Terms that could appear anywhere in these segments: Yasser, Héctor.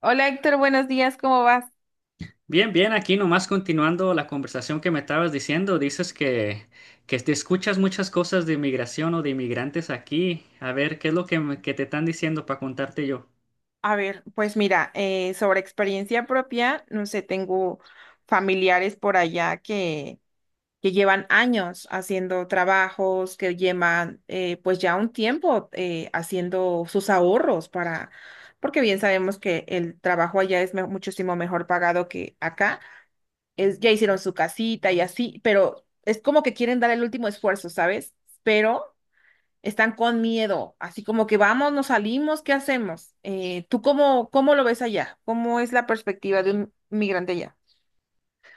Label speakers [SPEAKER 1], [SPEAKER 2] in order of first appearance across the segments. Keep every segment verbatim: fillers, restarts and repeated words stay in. [SPEAKER 1] Hola Héctor, buenos días, ¿cómo vas?
[SPEAKER 2] Bien, bien, aquí nomás continuando la conversación que me estabas diciendo, dices que, que te escuchas muchas cosas de inmigración o de inmigrantes aquí. A ver, ¿qué es lo que, me- que te están diciendo para contarte yo?
[SPEAKER 1] A ver, pues mira, eh, sobre experiencia propia, no sé, tengo familiares por allá que, que llevan años haciendo trabajos, que llevan eh, pues ya un tiempo eh, haciendo sus ahorros para, porque bien sabemos que el trabajo allá es me- muchísimo mejor pagado que acá, es, ya hicieron su casita y así, pero es como que quieren dar el último esfuerzo, ¿sabes? Pero están con miedo, así como que vamos, nos salimos, ¿qué hacemos? Eh, ¿tú cómo, cómo lo ves allá? ¿Cómo es la perspectiva de un migrante allá?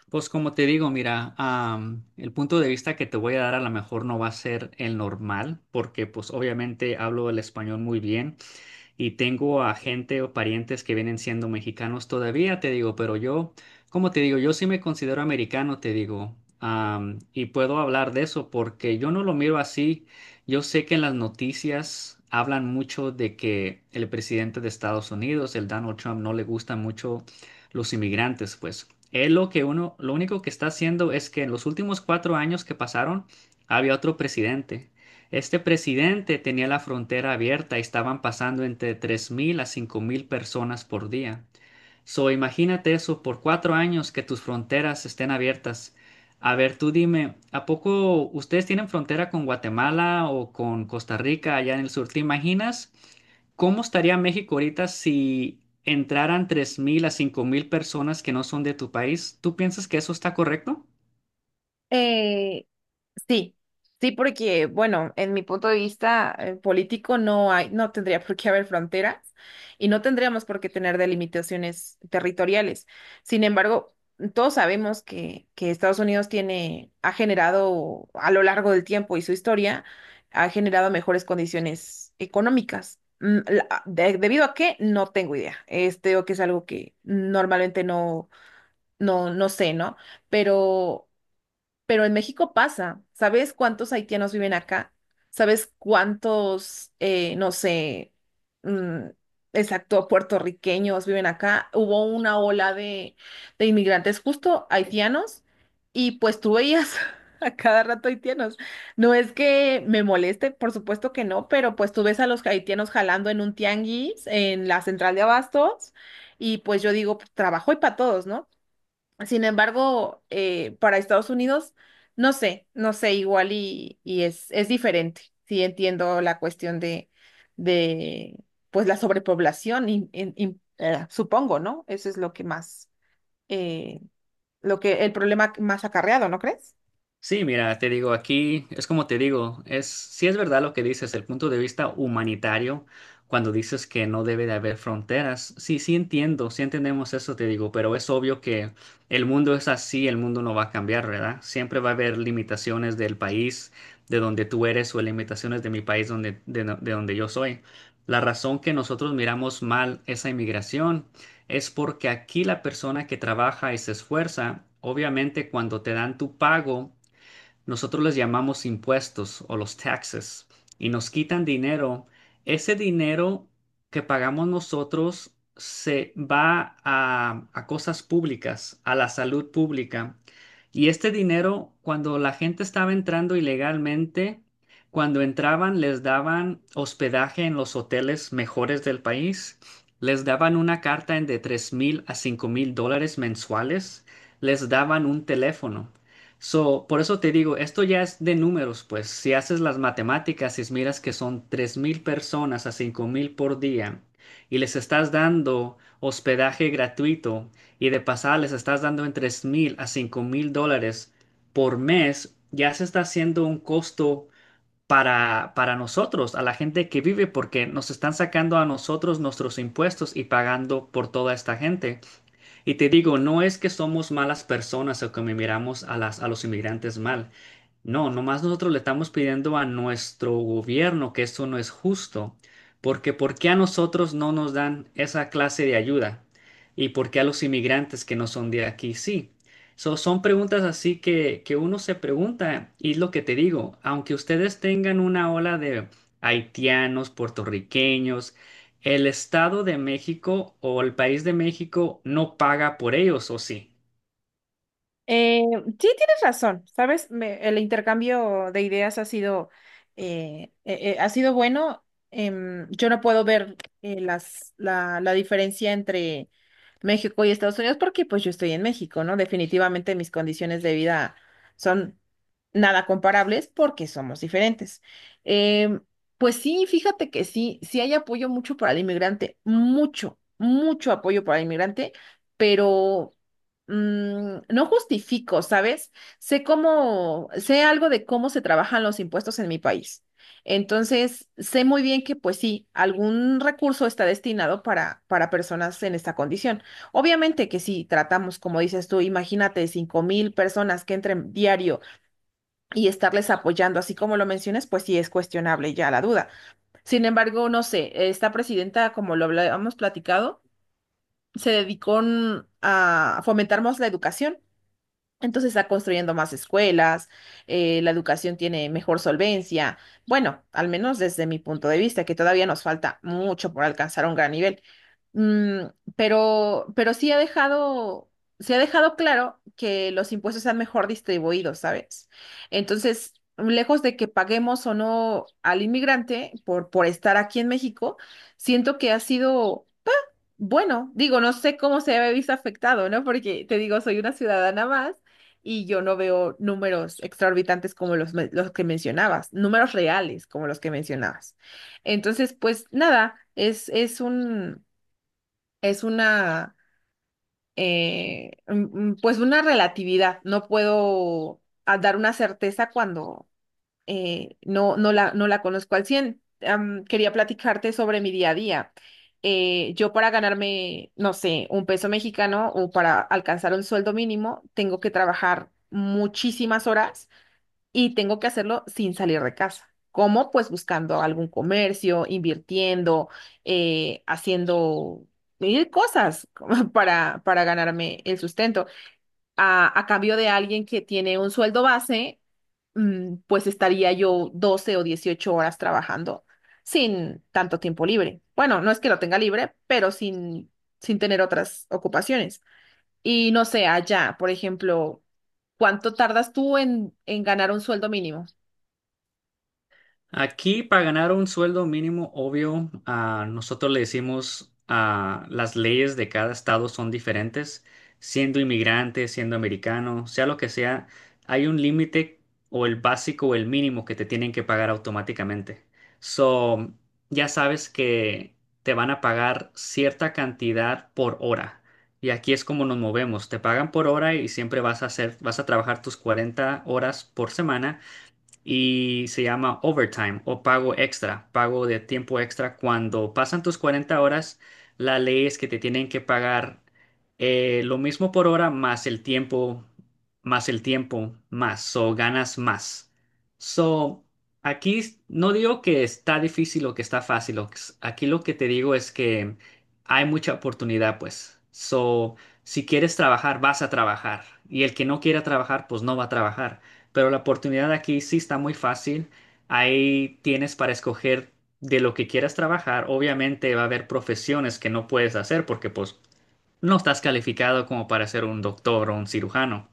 [SPEAKER 2] Pues como te digo, mira, am, el punto de vista que te voy a dar a lo mejor no va a ser el normal, porque pues obviamente hablo el español muy bien. Y tengo a gente o parientes que vienen siendo mexicanos todavía, te digo, pero yo, como te digo, yo sí me considero americano, te digo, am, y puedo hablar de eso porque yo no lo miro así. Yo sé que en las noticias hablan mucho de que el presidente de Estados Unidos, el Donald Trump, no le gustan mucho los inmigrantes, pues. Él lo que uno, lo único que está haciendo es que en los últimos cuatro años que pasaron, había otro presidente. Este presidente tenía la frontera abierta y estaban pasando entre tres mil a cinco mil personas por día. So, imagínate eso por cuatro años que tus fronteras estén abiertas. A ver, tú dime, ¿a poco ustedes tienen frontera con Guatemala o con Costa Rica allá en el sur? ¿Te imaginas cómo estaría México ahorita si entraran tres mil a cinco mil personas que no son de tu país? ¿Tú piensas que eso está correcto?
[SPEAKER 1] Eh, Sí, sí, porque, bueno, en mi punto de vista eh, político no hay, no tendría por qué haber fronteras y no tendríamos por qué tener delimitaciones territoriales. Sin embargo, todos sabemos que, que Estados Unidos tiene, ha generado a lo largo del tiempo y su historia, ha generado mejores condiciones económicas. Mm, la- de- debido a qué, no tengo idea. Este, o que es algo que normalmente no, no, no sé, ¿no? Pero pero en México pasa. ¿Sabes cuántos haitianos viven acá? ¿Sabes cuántos, eh, no sé, mm, exacto, puertorriqueños viven acá? Hubo una ola de, de inmigrantes justo haitianos y pues tú veías a cada rato haitianos. No es que me moleste, por supuesto que no, pero pues tú ves a los haitianos jalando en un tianguis, en la central de abastos y pues yo digo, pues, trabajo y para todos, ¿no? Sin embargo, eh, para Estados Unidos, no sé, no sé, igual y, y es, es diferente. Sí entiendo la cuestión de, de pues la sobrepoblación, y, y- y, eh, supongo, ¿no? Eso es lo que más, eh, lo que, el problema más acarreado, ¿no crees?
[SPEAKER 2] Sí, mira, te digo, aquí es como te digo, es sí es verdad lo que dices, el punto de vista humanitario, cuando dices que no debe de haber fronteras, sí, sí entiendo, sí entendemos eso, te digo, pero es obvio que el mundo es así, el mundo no va a cambiar, ¿verdad? Siempre va a haber limitaciones del país de donde tú eres o limitaciones de mi país donde, de, no- de donde yo soy. La razón que nosotros miramos mal esa inmigración es porque aquí la persona que trabaja y se esfuerza, obviamente cuando te dan tu pago, nosotros les llamamos impuestos o los taxes y nos quitan dinero. Ese dinero que pagamos nosotros se va a, a cosas públicas, a la salud pública. Y este dinero, cuando la gente estaba entrando ilegalmente, cuando entraban les daban hospedaje en los hoteles mejores del país, les daban una carta en de 3 mil a cinco mil dólares mensuales, les daban un teléfono. So, por eso te digo, esto ya es de números, pues si haces las matemáticas y miras que son tres mil personas a cinco mil por día y les estás dando hospedaje gratuito y de pasada les estás dando entre mil a cinco mil dólares por mes, ya se está haciendo un costo para, para nosotros, a la gente que vive, porque nos están sacando a nosotros nuestros impuestos y pagando por toda esta gente. Y te digo, no es que somos malas personas o que miramos a las, a los inmigrantes mal. No, nomás nosotros le estamos pidiendo a nuestro gobierno que esto no es justo, porque ¿por qué a nosotros no nos dan esa clase de ayuda? ¿Y por qué a los inmigrantes que no son de aquí sí? So, son preguntas así que, que uno se pregunta, y es lo que te digo, aunque ustedes tengan una ola de haitianos, puertorriqueños, el Estado de México o el país de México no paga por ellos, ¿o sí?
[SPEAKER 1] Eh, sí, tienes razón, ¿sabes? Me- el intercambio de ideas ha sido, eh, eh, eh, ha sido bueno. Em, yo no puedo ver eh, las, la, la diferencia entre México y Estados Unidos porque pues yo estoy en México, ¿no? Definitivamente mis condiciones de vida son nada comparables porque somos diferentes. Em, pues sí, fíjate que sí, sí hay apoyo mucho para el inmigrante, mucho, mucho apoyo para el inmigrante, pero mm, no justifico, ¿sabes? Sé cómo, sé algo de cómo se trabajan los impuestos en mi país. Entonces, sé muy bien que, pues sí, algún recurso está destinado para, para personas en esta condición. Obviamente que si tratamos, como dices tú, imagínate cinco mil personas que entren diario y estarles apoyando, así como lo mencionas, pues sí es cuestionable ya la duda. Sin embargo, no sé, esta presidenta, como lo habla- hemos platicado, se dedicó mm, a fomentar más la educación. Entonces está construyendo más escuelas, eh, la educación tiene mejor solvencia. Bueno, al menos desde mi punto de vista, que todavía nos falta mucho por alcanzar un gran nivel. Mm, pero, pero sí ha dejado, se ha dejado claro que los impuestos están mejor distribuidos, ¿sabes? Entonces, lejos de que paguemos o no al inmigrante por, por estar aquí en México, siento que ha sido. Bueno, digo, no sé cómo se había visto afectado, ¿no? Porque te digo, soy una ciudadana más y yo no veo números exorbitantes como los, me- los que mencionabas, números reales como los que mencionabas. Entonces, pues nada, es, es un, es una, eh, mm, mm, pues una relatividad. No puedo ah, dar una certeza cuando eh, no, no la, no la conozco al cien. Am, quería platicarte sobre mi día a día. Eh, yo para ganarme, no sé, un peso mexicano o para alcanzar un sueldo mínimo, tengo que trabajar muchísimas horas y tengo que hacerlo sin salir de casa. ¿Cómo? Pues buscando algún comercio, invirtiendo, eh, haciendo mil cosas para, para ganarme el sustento a, a cambio de alguien que tiene un sueldo base, mm, pues estaría yo doce o dieciocho horas trabajando sin tanto tiempo libre. Bueno, no es que lo tenga libre, pero sin, sin tener otras ocupaciones. Y no sé, allá, por ejemplo, ¿cuánto tardas tú en, en ganar un sueldo mínimo?
[SPEAKER 2] Aquí para ganar un sueldo mínimo, obvio, ah, nosotros le decimos a las leyes de cada estado son diferentes. Siendo inmigrante, siendo americano, sea lo que sea, hay un límite o el básico o el mínimo que te tienen que pagar automáticamente. So, ya sabes que te van a pagar cierta cantidad por hora. Y aquí es como nos movemos. Te pagan por hora y siempre vas a hacer, vas a trabajar tus cuarenta horas por semana y se llama overtime o pago extra, pago de tiempo extra. Cuando pasan tus cuarenta horas, la ley es que te tienen que pagar eh, lo mismo por hora más el tiempo, más el tiempo, más, o ganas más. So, aquí s- no digo que está difícil o que está fácil, o que s- aquí lo que te digo es que hay mucha oportunidad, pues. So, si quieres trabajar, vas a trabajar. Y el que no quiera trabajar, pues no va a trabajar pero la oportunidad aquí sí está muy fácil. Ahí tienes para escoger de lo que quieras trabajar. Obviamente va a haber profesiones que no puedes hacer porque pues no estás calificado como para ser un doctor o un cirujano.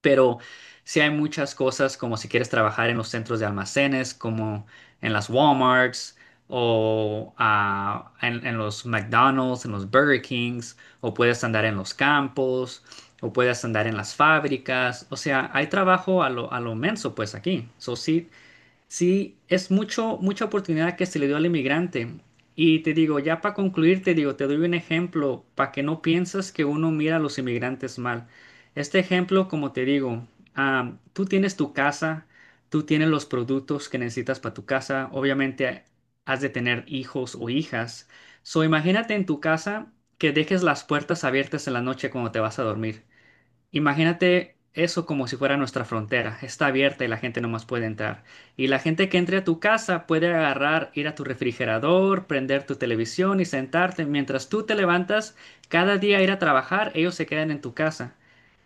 [SPEAKER 2] Pero sí hay muchas cosas como si quieres trabajar en los centros de almacenes, como en las Walmarts o ah, en, en los McDonald's, en los Burger Kings, o puedes andar en los campos, o puedes andar en las fábricas. O sea, hay trabajo a lo, a lo menso pues aquí. So, sí, sí, es mucho, mucha oportunidad que se le dio al inmigrante. Y te digo, ya para concluir, te digo, te doy un ejemplo para que no pienses que uno mira a los inmigrantes mal. Este ejemplo, como te digo, ah, tú tienes tu casa, tú tienes los productos que necesitas para tu casa, obviamente has de tener hijos o hijas. So, imagínate en tu casa que dejes las puertas abiertas en la noche cuando te vas a dormir. Imagínate eso como si fuera nuestra frontera. Está abierta y la gente no más puede entrar. Y la gente que entre a tu casa puede agarrar, ir a tu refrigerador, prender tu televisión y sentarte. Mientras tú te levantas, cada día a ir a trabajar, ellos se quedan en tu casa.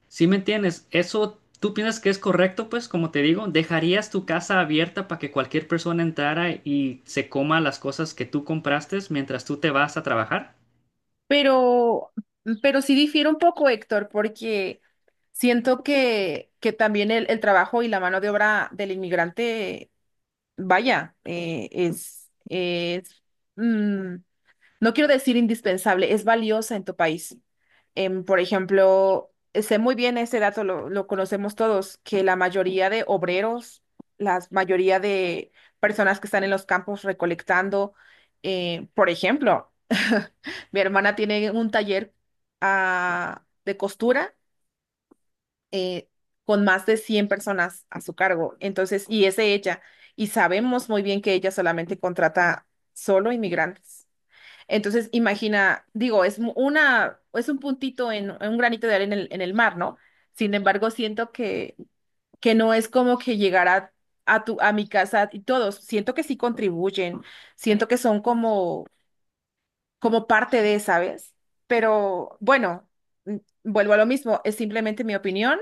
[SPEAKER 2] ¿Sí me entiendes? ¿Eso tú piensas que es correcto? Pues como te digo, ¿dejarías tu casa abierta para que cualquier persona entrara y se coma las cosas que tú compraste mientras tú te vas a trabajar?
[SPEAKER 1] Pero, mm, pero sí difiere un poco, Héctor, porque siento que, que también el, el trabajo y la mano de obra del inmigrante vaya, eh, es, es, mm, no quiero decir indispensable, es valiosa en tu país. Em, por ejemplo, sé muy bien ese dato, lo, lo conocemos todos, que la mayoría de obreros, la mayoría de personas que están en los campos recolectando, eh, por ejemplo, mi hermana tiene un taller, ah, de costura eh, con más de cien personas a su cargo. Entonces, y es ella. Y sabemos muy bien que ella solamente contrata solo inmigrantes. Entonces, imagina, digo, es mu- una, es un puntito en, en un granito de arena en el, en el mar, ¿no? Sin embargo, siento que, que no es como que llegará a tu, a mi casa y todos, siento que sí contribuyen, siento que son como, como parte de, ¿sabes? Pero bueno, mm, vuelvo a lo mismo, es simplemente mi opinión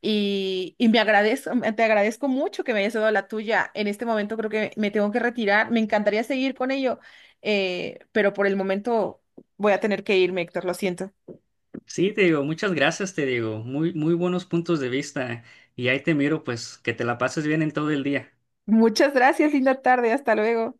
[SPEAKER 1] y, y me agradezco, te agradezco mucho que me hayas dado la tuya. En este momento creo que me tengo que retirar. Me encantaría seguir con ello, eh, pero por el momento voy a tener que irme, Héctor, lo siento.
[SPEAKER 2] Sí, te digo, muchas gracias, te digo, muy, muy buenos puntos de vista y ahí te miro, pues, que te la pases bien en todo el día.
[SPEAKER 1] Muchas gracias, linda tarde, hasta luego.